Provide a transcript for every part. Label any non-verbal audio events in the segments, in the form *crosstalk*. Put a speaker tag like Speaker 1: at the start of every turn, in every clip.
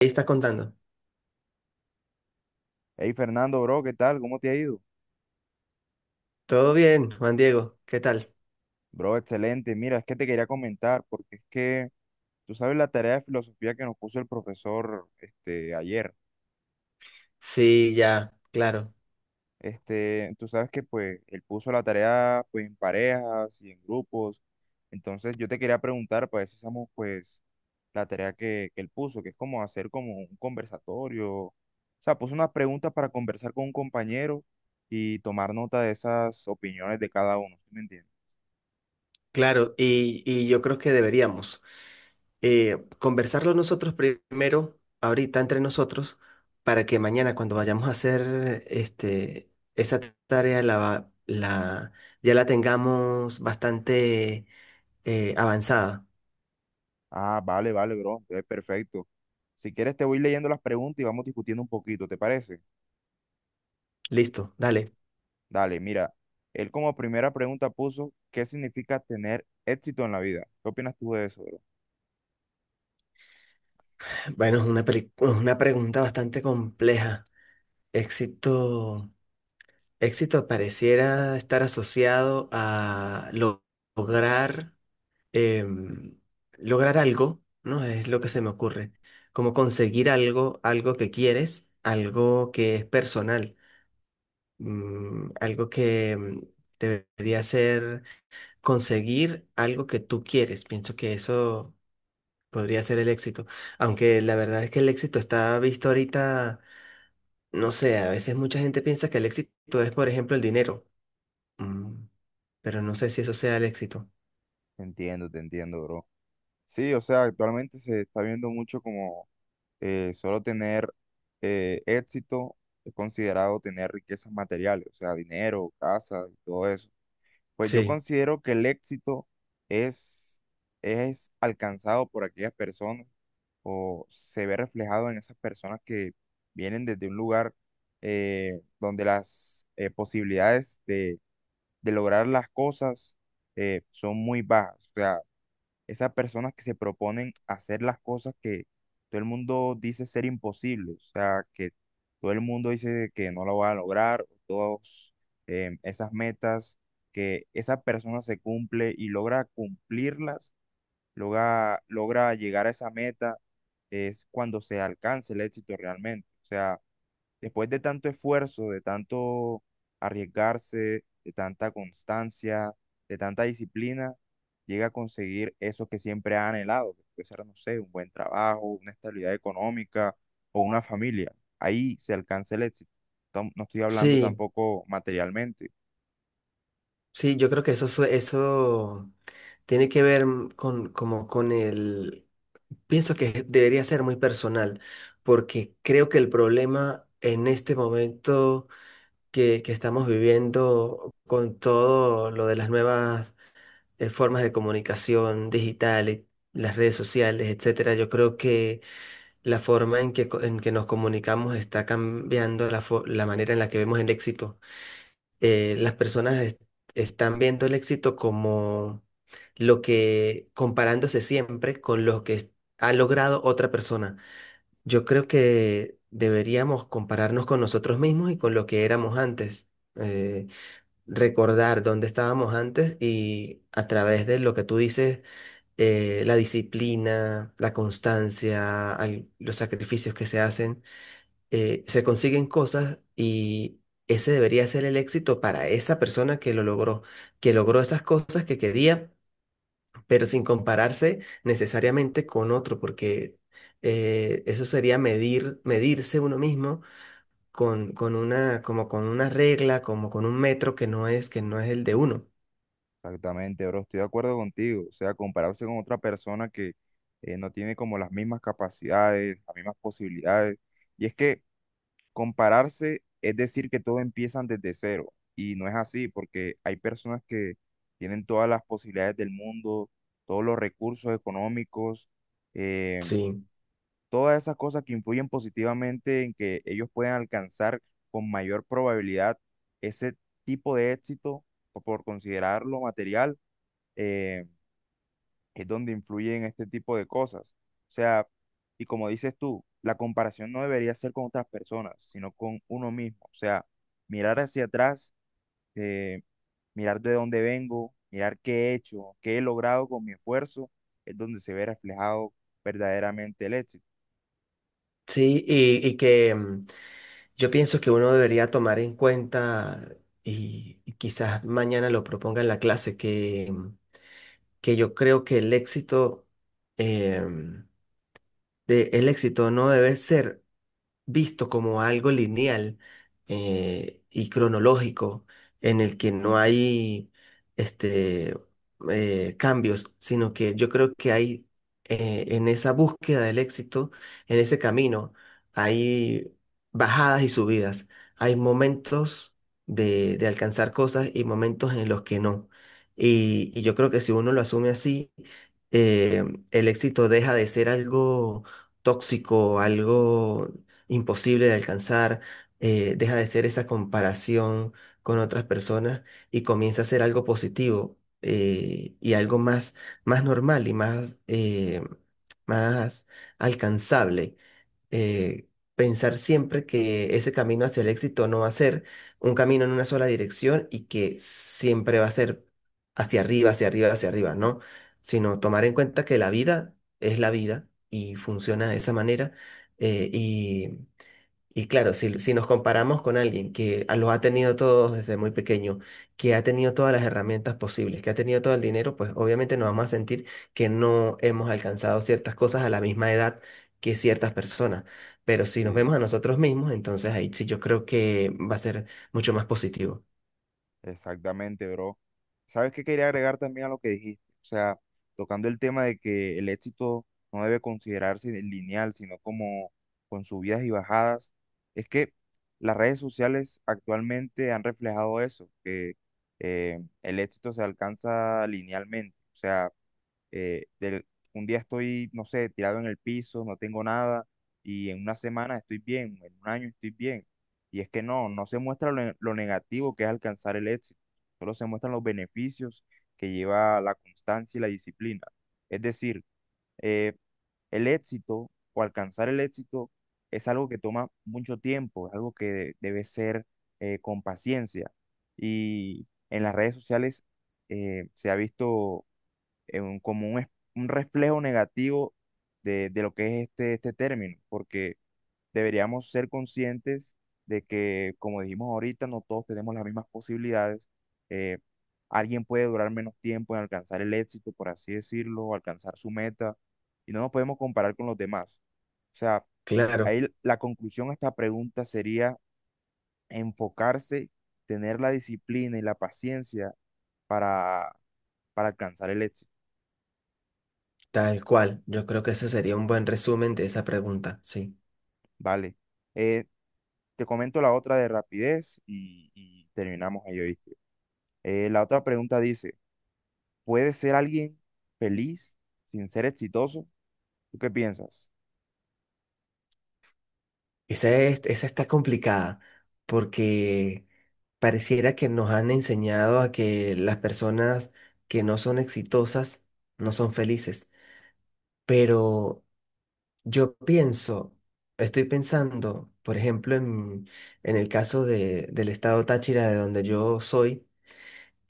Speaker 1: Ahí estás contando.
Speaker 2: Hey Fernando, bro, ¿qué tal? ¿Cómo te ha ido?
Speaker 1: Todo bien, Juan Diego, ¿qué tal?
Speaker 2: Bro, excelente. Mira, es que te quería comentar porque es que tú sabes la tarea de filosofía que nos puso el profesor este ayer.
Speaker 1: Sí, ya, claro,
Speaker 2: Tú sabes que pues él puso la tarea pues en parejas y en grupos. Entonces yo te quería preguntar pues ver si hacemos pues la tarea que él puso, que es como hacer como un conversatorio. O sea, puso unas preguntas para conversar con un compañero y tomar nota de esas opiniones de cada uno. ¿Sí me entiendes?
Speaker 1: claro, y yo creo que deberíamos conversarlo nosotros primero, ahorita entre nosotros, para que mañana cuando vayamos a hacer esa tarea ya la tengamos bastante avanzada.
Speaker 2: Ah, vale, vale, bro. Es perfecto. Si quieres, te voy leyendo las preguntas y vamos discutiendo un poquito, ¿te parece?
Speaker 1: Listo, dale.
Speaker 2: Dale, mira. Él como primera pregunta puso, ¿qué significa tener éxito en la vida? ¿Qué opinas tú de eso, bro?
Speaker 1: Bueno, es una pregunta bastante compleja. Éxito. Éxito pareciera estar asociado a lograr, em, lograr algo, ¿no? Es lo que se me ocurre. Como conseguir algo, algo que quieres, algo que es personal, algo que debería ser conseguir algo que tú quieres. Pienso que eso podría ser el éxito. Aunque la verdad es que el éxito está visto ahorita, no sé, a veces mucha gente piensa que el éxito es, por ejemplo, el dinero. Mm, Pero no sé si eso sea el éxito.
Speaker 2: Te entiendo, bro. Sí, o sea, actualmente se está viendo mucho como solo tener éxito es considerado tener riquezas materiales, o sea, dinero, casa y todo eso. Pues yo
Speaker 1: Sí,
Speaker 2: considero que el éxito es, es alcanzado por aquellas personas o se ve reflejado en esas personas que vienen desde un lugar donde las posibilidades de lograr las cosas son muy bajas. O sea, esas personas que se proponen hacer las cosas que todo el mundo dice ser imposible, o sea, que todo el mundo dice que no lo va a lograr, todas esas metas que esa persona se cumple y logra cumplirlas, logra llegar a esa meta, es cuando se alcanza el éxito realmente. O sea, después de tanto esfuerzo, de tanto arriesgarse, de tanta constancia, de tanta disciplina, llega a conseguir eso que siempre ha anhelado, que puede ser, no sé, un buen trabajo, una estabilidad económica o una familia. Ahí se alcanza el éxito. No estoy hablando
Speaker 1: sí,
Speaker 2: tampoco materialmente.
Speaker 1: sí, yo creo que eso tiene que ver como con pienso que debería ser muy personal, porque creo que el problema en este momento que estamos viviendo con todo lo de las nuevas formas de comunicación digital y las redes sociales, etcétera, yo creo que la forma en en que nos comunicamos está cambiando la manera en la que vemos el éxito. Las personas están viendo el éxito como lo que, comparándose siempre con lo que ha logrado otra persona. Yo creo que deberíamos compararnos con nosotros mismos y con lo que éramos antes. eh, recordar dónde estábamos antes y a través de lo que tú dices, la disciplina, la constancia, los sacrificios que se hacen se consiguen cosas y ese debería ser el éxito para esa persona que lo logró, que logró esas cosas que quería, pero sin compararse necesariamente con otro, porque eso sería medirse uno mismo con una, como con una regla, como con un metro que no que no es el de uno.
Speaker 2: Exactamente, bro, estoy de acuerdo contigo. O sea, compararse con otra persona que no tiene como las mismas capacidades, las mismas posibilidades. Y es que compararse es decir que todo empiezan desde cero y no es así porque hay personas que tienen todas las posibilidades del mundo, todos los recursos económicos, eh,
Speaker 1: Sí,
Speaker 2: todas esas cosas que influyen positivamente en que ellos puedan alcanzar con mayor probabilidad ese tipo de éxito o por considerarlo material. Eh, es donde influyen este tipo de cosas. O sea, y como dices tú, la comparación no debería ser con otras personas, sino con uno mismo. O sea, mirar hacia atrás, eh, mirar de dónde vengo, mirar qué he hecho, qué he logrado con mi esfuerzo, es donde se ve reflejado verdaderamente el éxito.
Speaker 1: sí, y que yo pienso que uno debería tomar en cuenta y quizás mañana lo proponga en la clase que yo creo que el éxito, em, el éxito no debe ser visto como algo lineal y cronológico en el que no hay este, cambios, sino que yo creo que hay en esa búsqueda del éxito, en ese camino, hay bajadas y subidas, hay momentos de alcanzar cosas y momentos en los que no. Y yo creo que si uno lo asume así, eh, el éxito deja de ser algo tóxico, algo imposible de alcanzar, deja de ser esa comparación con otras personas y comienza a ser algo positivo y algo más, más normal y más alcanzable. Eh, pensar siempre que ese camino hacia el éxito no va a ser un camino en una sola dirección y que siempre va a ser hacia arriba, hacia arriba, hacia arriba, ¿no? Sino tomar en cuenta que la vida es la vida y funciona de esa manera eh, y y claro, si nos comparamos con alguien que lo ha tenido todo desde muy pequeño, que ha tenido todas las herramientas posibles, que ha tenido todo el dinero, pues obviamente nos vamos a sentir que no hemos alcanzado ciertas cosas a la misma edad que ciertas personas. Pero si nos
Speaker 2: Sí.
Speaker 1: vemos a nosotros mismos, entonces ahí sí yo creo que va a ser mucho más positivo.
Speaker 2: Exactamente, bro. ¿Sabes qué quería agregar también a lo que dijiste? O sea, tocando el tema de que el éxito no debe considerarse lineal, sino como con subidas y bajadas. Es que las redes sociales actualmente han reflejado eso, que el éxito se alcanza linealmente. O sea, eh, del- un día estoy, no sé, tirado en el piso, no tengo nada, y en una semana estoy bien, en un año estoy bien. Y es que no se muestra lo negativo que es alcanzar el éxito, solo se muestran los beneficios que lleva la constancia y la disciplina. Es decir, eh, el éxito o alcanzar el éxito es algo que toma mucho tiempo, es algo que debe ser con paciencia. Y en las redes sociales se ha visto como un reflejo negativo de lo que es este término, porque deberíamos ser conscientes de que, como dijimos ahorita, no todos tenemos las mismas posibilidades. Eh, alguien puede durar menos tiempo en alcanzar el éxito, por así decirlo, o alcanzar su meta, y no nos podemos comparar con los demás. O sea,
Speaker 1: Claro,
Speaker 2: ahí la conclusión a esta pregunta sería enfocarse, tener la disciplina y la paciencia para, para alcanzar el éxito,
Speaker 1: tal cual. Yo creo que ese sería un buen resumen de esa pregunta, sí.
Speaker 2: ¿vale? Eh, Te comento la otra de rapidez y terminamos ahí, ¿oíste? La otra pregunta dice, ¿puede ser alguien feliz sin ser exitoso? ¿Tú qué piensas?
Speaker 1: Esa es, esa está complicada porque pareciera que nos han enseñado a que las personas que no son exitosas no son felices. Pero yo pienso, estoy pensando, por ejemplo, en el caso del estado Táchira, de donde yo soy,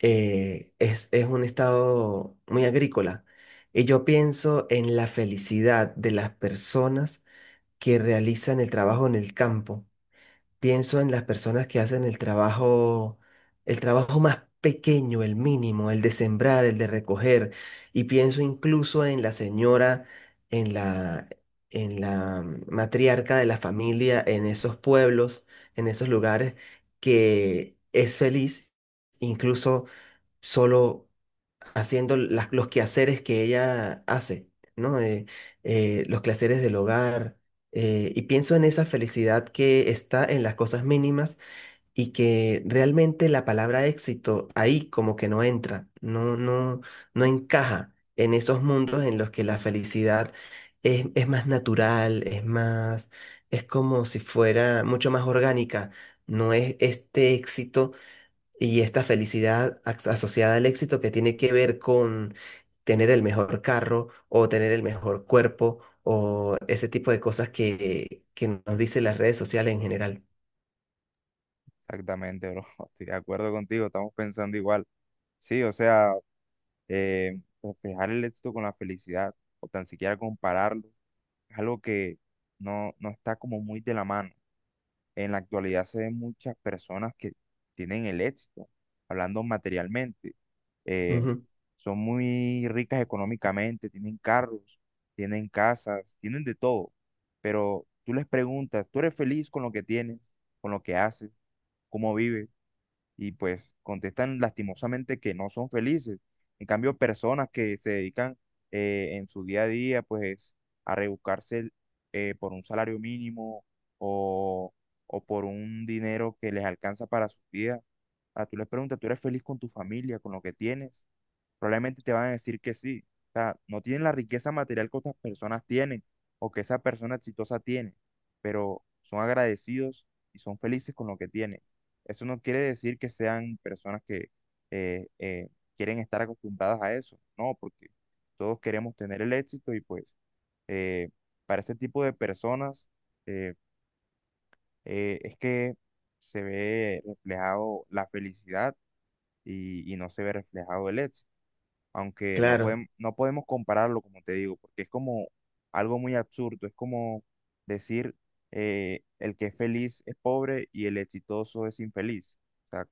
Speaker 1: es un estado muy agrícola. Y yo pienso en la felicidad de las personas que realizan el trabajo en el campo. Pienso en las personas que hacen el trabajo más pequeño, el mínimo, el de sembrar, el de recoger, y pienso incluso en la señora, en la, en la matriarca de la familia, en esos pueblos, en esos lugares, que es feliz, incluso solo haciendo los quehaceres que ella hace, ¿no? Los quehaceres del hogar. Y pienso en esa felicidad que está en las cosas mínimas y que realmente la palabra éxito ahí como que no entra, no encaja en esos mundos en los que la felicidad es más natural, es más, es como si fuera mucho más orgánica. No es este éxito y esta felicidad asociada al éxito que tiene que ver con tener el mejor carro o tener el mejor cuerpo o ese tipo de cosas que nos dicen las redes sociales en general.
Speaker 2: Exactamente, bro. *laughs* Estoy de acuerdo contigo, estamos pensando igual. Sí, o sea, reflejar el éxito con la felicidad o tan siquiera compararlo es algo que no está como muy de la mano. En la actualidad se ven muchas personas que tienen el éxito, hablando materialmente. Eh,
Speaker 1: Ujú.
Speaker 2: son muy ricas económicamente, tienen carros, tienen casas, tienen de todo. Pero tú les preguntas, ¿tú eres feliz con lo que tienes, con lo que haces, cómo vives? Y pues contestan lastimosamente que no son felices. En cambio, personas que se dedican en su día a día pues a rebuscarse por un salario mínimo o, o por un dinero que les alcanza para su vida, tú les preguntas, ¿tú eres feliz con tu familia, con lo que tienes? Probablemente te van a decir que sí. O sea, no tienen la riqueza material que otras personas tienen o que esa persona exitosa tiene, pero son agradecidos y son felices con lo que tienen. Eso no quiere decir que sean personas que eh, eh, quieren estar acostumbradas a eso, no, porque todos queremos tener el éxito y pues eh, para ese tipo de personas eh, es que se ve reflejado la felicidad y no se ve reflejado el éxito aunque no
Speaker 1: Claro,
Speaker 2: podemos, no podemos compararlo, como te digo, porque es como algo muy absurdo, es como decir el que es feliz es pobre y el exitoso es infeliz. O sea,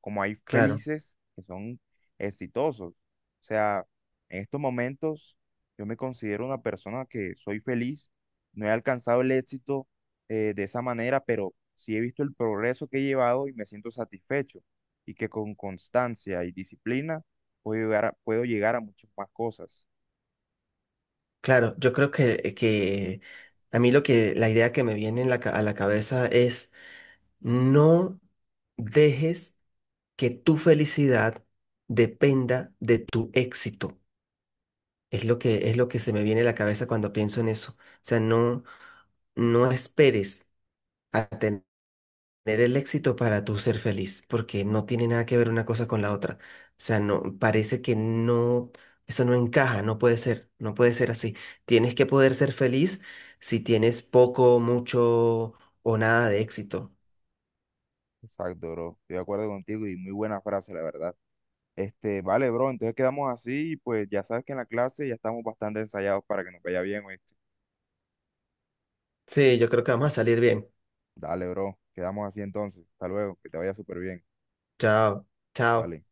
Speaker 2: como hay
Speaker 1: claro,
Speaker 2: felices que son exitosos. O sea, en estos momentos yo me considero una persona que soy feliz, no he alcanzado el éxito de esa manera, pero sí he visto el progreso que he llevado y me siento satisfecho y que con constancia y disciplina puedo llegar a muchas más cosas.
Speaker 1: claro. Yo creo que a mí lo que la idea que me viene en la a la cabeza es no dejes que tu felicidad dependa de tu éxito. Es lo que se me viene a la cabeza cuando pienso en eso. O sea, no. No esperes a tener el éxito para tú ser feliz, porque no tiene nada que ver una cosa con la otra. O sea, no, parece que no, eso no encaja, no puede ser, no puede ser así. Tienes que poder ser feliz si tienes poco, mucho o nada de éxito.
Speaker 2: Exacto, bro. Estoy de acuerdo contigo y muy buena frase, la verdad. Vale, bro, entonces quedamos así y pues ya sabes que en la clase ya estamos bastante ensayados para que nos vaya bien, ¿oíste?
Speaker 1: Sí, yo creo que vamos a salir bien.
Speaker 2: Dale, bro. Quedamos así entonces. Hasta luego, que te vaya súper bien.
Speaker 1: Chao, chao.
Speaker 2: Vale.